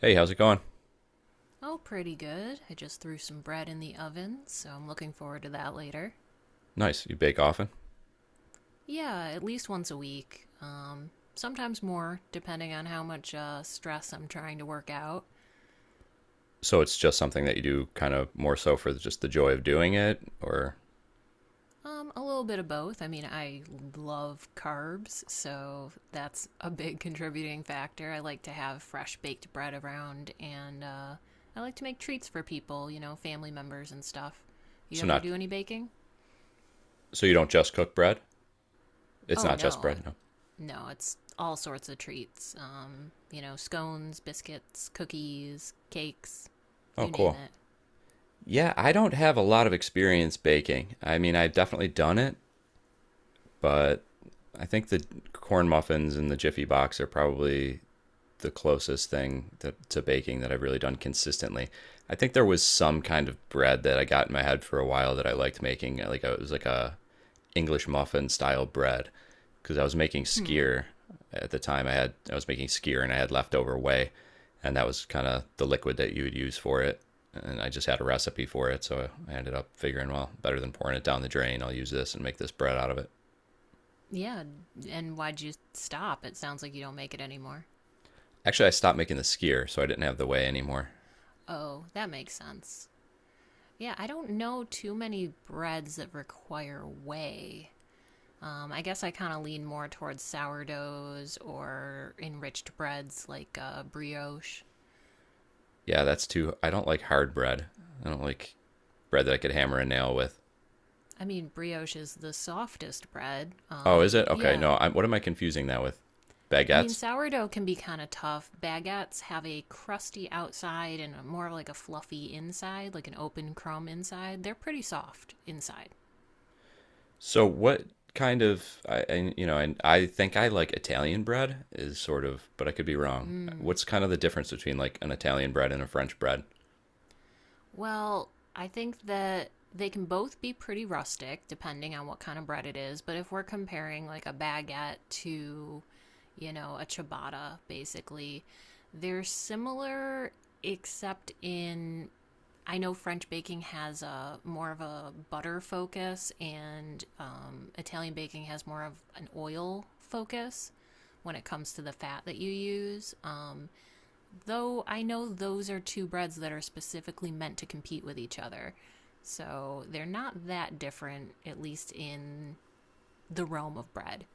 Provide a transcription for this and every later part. Hey, how's it going? Oh, pretty good. I just threw some bread in the oven, so I'm looking forward to that later. Nice. You bake often? Yeah, at least once a week. Sometimes more, depending on how much stress I'm trying to work out. So it's just something that you do kind of more so for just the joy of doing it, or A little bit of both. I love carbs, so that's a big contributing factor. I like to have fresh baked bread around, and I like to make treats for people, you know, family members and stuff. You so ever not do any baking? so you don't just cook bread? It's Oh not just no, bread, no. no, it's all sorts of treats. You know, scones, biscuits, cookies, cakes, Oh, you name cool. it. Yeah, I don't have a lot of experience baking. I mean, I've definitely done it, but I think the corn muffins and the Jiffy box are probably the closest thing that, to baking that I've really done consistently. I think there was some kind of bread that I got in my head for a while that I liked making, like a, it was like a English muffin style bread because I was making Hmm. skier at the time. I was making skier and I had leftover whey, and that was kind of the liquid that you would use for it. And I just had a recipe for it, so I ended up figuring, well, better than pouring it down the drain, I'll use this and make this bread out of it. Yeah, and why'd you stop? It sounds like you don't make it anymore. Actually, I stopped making the skier, so I didn't have the whey anymore. Oh, that makes sense. Yeah, I don't know too many breads that require whey. I guess I kind of lean more towards sourdoughs or enriched breads like brioche. Yeah, that's too. I don't like hard bread. I don't like bread that I could hammer a nail with. I mean, brioche is the softest bread. Oh, is it okay? Yeah, No, I'm, what am I confusing that with? I mean, Baguettes. sourdough can be kind of tough. Baguettes have a crusty outside and more like a fluffy inside, like an open crumb inside. They're pretty soft inside. So what kind of and I think I like Italian bread is sort of, but I could be wrong. What's kind of the difference between like an Italian bread and a French bread? Well, I think that they can both be pretty rustic depending on what kind of bread it is, but if we're comparing like a baguette to, you know, a ciabatta, basically, they're similar except in I know French baking has a more of a butter focus, and Italian baking has more of an oil focus when it comes to the fat that you use. Though I know those are two breads that are specifically meant to compete with each other. So they're not that different, at least in the realm of bread.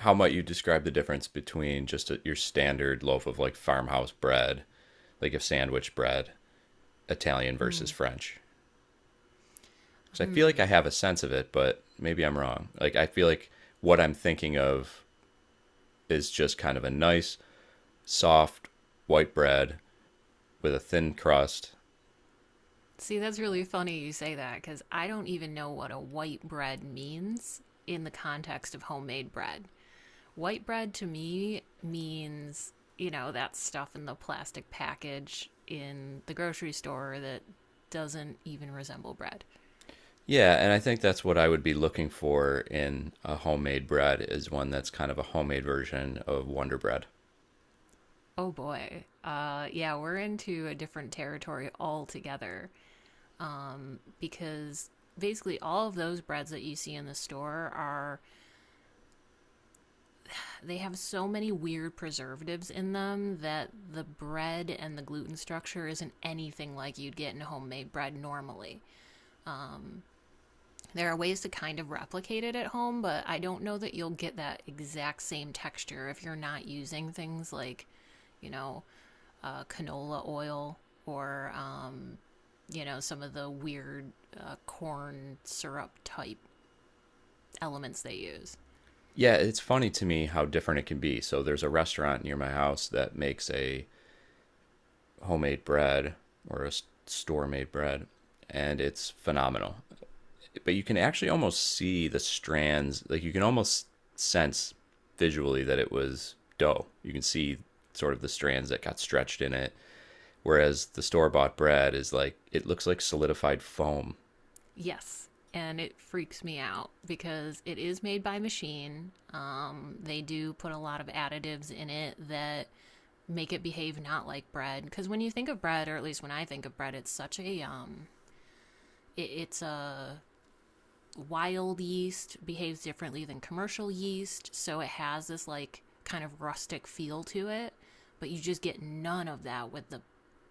How might you describe the difference between just a, your standard loaf of like farmhouse bread, like a sandwich bread, Italian versus French? Because I feel like I have a sense of it, but maybe I'm wrong. Like I feel like what I'm thinking of is just kind of a nice, soft white bread with a thin crust. See, that's really funny you say that because I don't even know what a white bread means in the context of homemade bread. White bread to me means, you know, that stuff in the plastic package in the grocery store that doesn't even resemble bread. Yeah, and I think that's what I would be looking for in a homemade bread is one that's kind of a homemade version of Wonder Bread. Oh boy. Yeah, we're into a different territory altogether because basically all of those breads that you see in the store are they have so many weird preservatives in them that the bread and the gluten structure isn't anything like you'd get in homemade bread normally. There are ways to kind of replicate it at home, but I don't know that you'll get that exact same texture if you're not using things like you know, canola oil or you know, some of the weird corn syrup type elements they use. Yeah, it's funny to me how different it can be. So there's a restaurant near my house that makes a homemade bread or a store made bread, and it's phenomenal. But you can actually almost see the strands, like you can almost sense visually that it was dough. You can see sort of the strands that got stretched in it. Whereas the store bought bread is like, it looks like solidified foam. Yes, and it freaks me out because it is made by machine. They do put a lot of additives in it that make it behave not like bread. Because when you think of bread, or at least when I think of bread, it's such a it, it's a wild yeast behaves differently than commercial yeast, so it has this like kind of rustic feel to it, but you just get none of that with the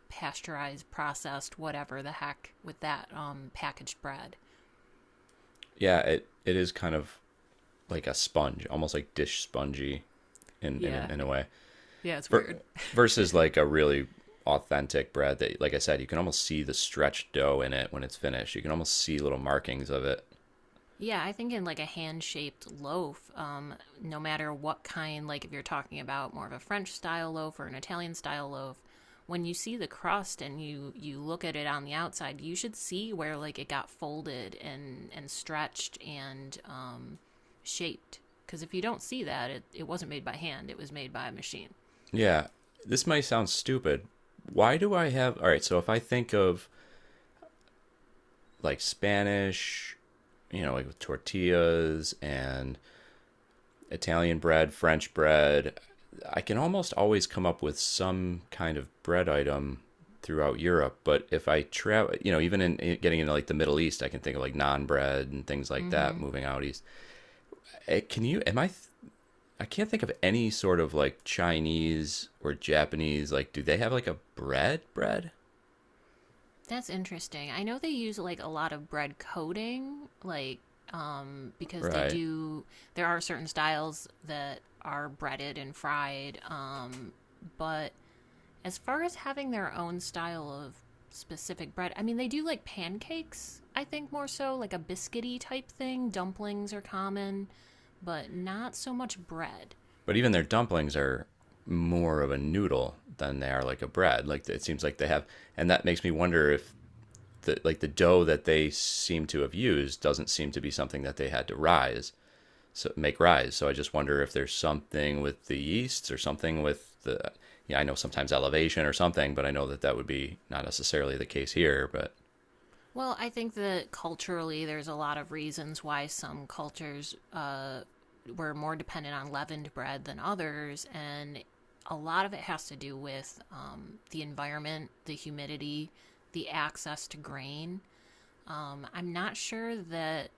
pasteurized, processed, whatever the heck with that packaged bread. Yeah, it is kind of like a sponge, almost like dish spongy in in, Yeah. in a way. Yeah, it's weird. For, versus like a really authentic bread that, like I said, you can almost see the stretched dough in it when it's finished. You can almost see little markings of it. Yeah, I think in like a hand-shaped loaf, no matter what kind, like if you're talking about more of a French style loaf or an Italian style loaf, when you see the crust and you look at it on the outside, you should see where like it got folded and stretched and shaped. Because if you don't see that, it wasn't made by hand; it was made by a machine. Yeah. This might sound stupid. Why do I have— All right, so if I think of like Spanish, you know, like with tortillas and Italian bread, French bread. I can almost always come up with some kind of bread item throughout Europe. But if I travel, you know, even in, getting into like the Middle East, I can think of like non bread and things like that. Mm-hmm. Moving out east, can you? I can't think of any sort of like Chinese or Japanese. Like, do they have like a bread? Bread, That's interesting. I know they use like a lot of bread coating, like because they right? do. There are certain styles that are breaded and fried, but as far as having their own style of specific bread, I mean, they do like pancakes. I think more so like a biscuity type thing. Dumplings are common, but not so much bread. But even their dumplings are more of a noodle than they are like a bread. Like it seems like they have, and that makes me wonder if the like the dough that they seem to have used doesn't seem to be something that they had to rise make rise. So I just wonder if there's something with the yeasts or something with the— yeah, I know sometimes elevation or something, but I know that that would be not necessarily the case here, but Well, I think that culturally, there's a lot of reasons why some cultures were more dependent on leavened bread than others, and a lot of it has to do with the environment, the humidity, the access to grain. I'm not sure that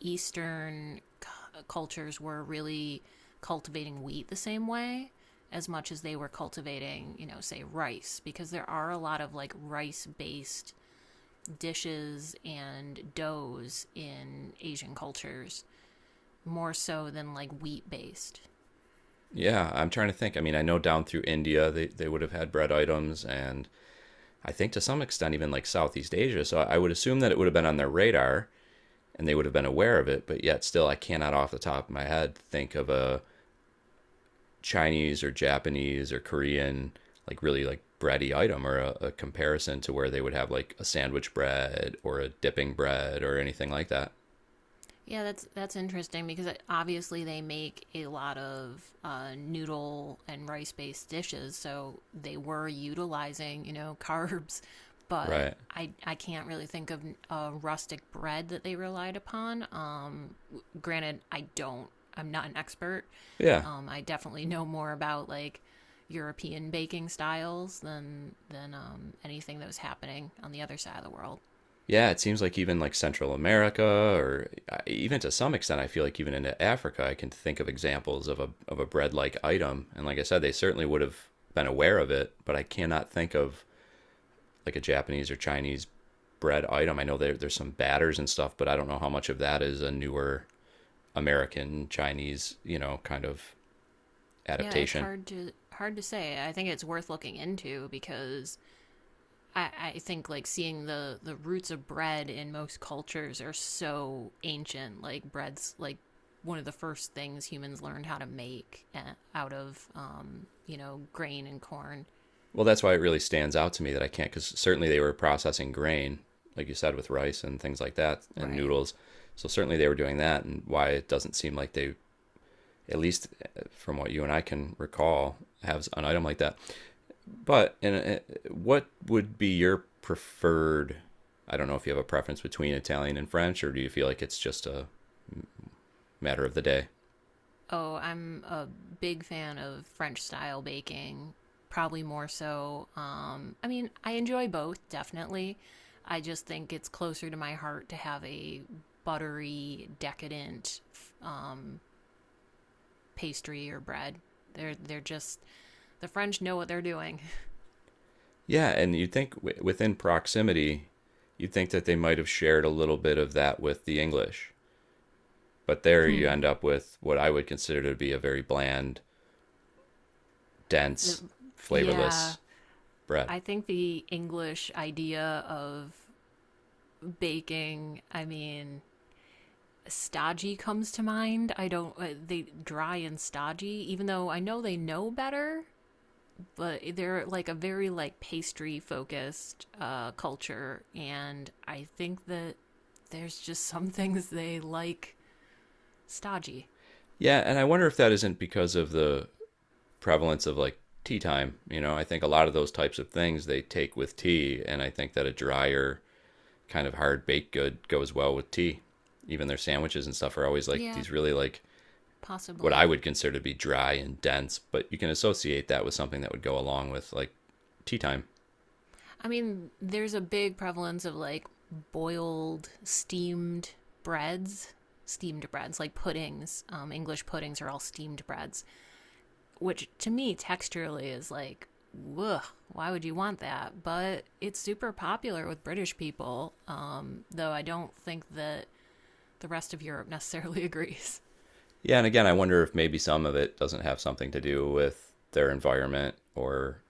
Eastern cultures were really cultivating wheat the same way as much as they were cultivating, you know, say rice, because there are a lot of like rice based dishes and doughs in Asian cultures more so than like wheat based. yeah, I'm trying to think. I mean, I know down through India they would have had bread items, and I think to some extent even like Southeast Asia. So I would assume that it would have been on their radar and they would have been aware of it, but yet still I cannot off the top of my head think of a Chinese or Japanese or Korean, like really like bready item, or a comparison to where they would have like a sandwich bread or a dipping bread or anything like that. Yeah, that's interesting because obviously they make a lot of noodle and rice based dishes, so they were utilizing, you know, carbs, but Right. I can't really think of a rustic bread that they relied upon. Granted, I don't. I'm not an expert. Yeah. I definitely know more about like European baking styles than anything that was happening on the other side of the world. Yeah, it seems like even like Central America, or even to some extent, I feel like even into Africa, I can think of examples of a bread like item. And like I said, they certainly would have been aware of it, but I cannot think of like a Japanese or Chinese bread item. I know there's some batters and stuff, but I don't know how much of that is a newer American Chinese, you know, kind of Yeah, it's adaptation. Hard to say. I think it's worth looking into because I think like seeing the roots of bread in most cultures are so ancient. Like bread's like one of the first things humans learned how to make out of you know, grain and corn. Well, that's why it really stands out to me that I can't, because certainly they were processing grain, like you said, with rice and things like that, and Right. noodles. So certainly they were doing that, and why it doesn't seem like they, at least from what you and I can recall, have an item like that. But and what would be your preferred? I don't know if you have a preference between Italian and French, or do you feel like it's just a matter of the day? Oh, I'm a big fan of French style baking, probably more so. I mean, I enjoy both, definitely. I just think it's closer to my heart to have a buttery, decadent um, pastry or bread. They're just the French know what they're doing. Yeah, and you'd think within proximity, you'd think that they might have shared a little bit of that with the English. But there you end up with what I would consider to be a very bland, The, dense, yeah, flavorless bread. I think the English idea of baking, I mean, stodgy comes to mind. I don't they dry and stodgy, even though I know they know better, but they're like a very like pastry focused culture, and I think that there's just some things they like stodgy. Yeah, and I wonder if that isn't because of the prevalence of like tea time. You know, I think a lot of those types of things they take with tea, and I think that a drier, kind of hard baked good goes well with tea. Even their sandwiches and stuff are always like Yeah, these really like what I possibly. would consider to be dry and dense, but you can associate that with something that would go along with like tea time. I mean, there's a big prevalence of like boiled, breads, steamed breads like puddings. English puddings are all steamed breads which to me texturally is like ugh, why would you want that? But it's super popular with British people, though I don't think that the rest of Europe necessarily agrees. Yeah, and again, I wonder if maybe some of it doesn't have something to do with their environment or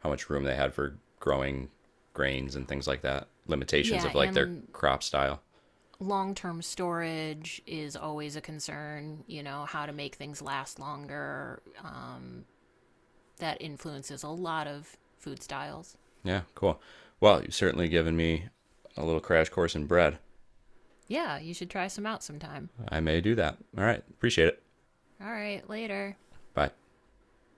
how much room they had for growing grains and things like that, limitations Yeah, of like their and crop style. long term storage is always a concern, you know, how to make things last longer. That influences a lot of food styles. Yeah, cool. Well, you've certainly given me a little crash course in bread. Yeah, you should try some out sometime. I may do that. All right, appreciate it. All right, later. Bye.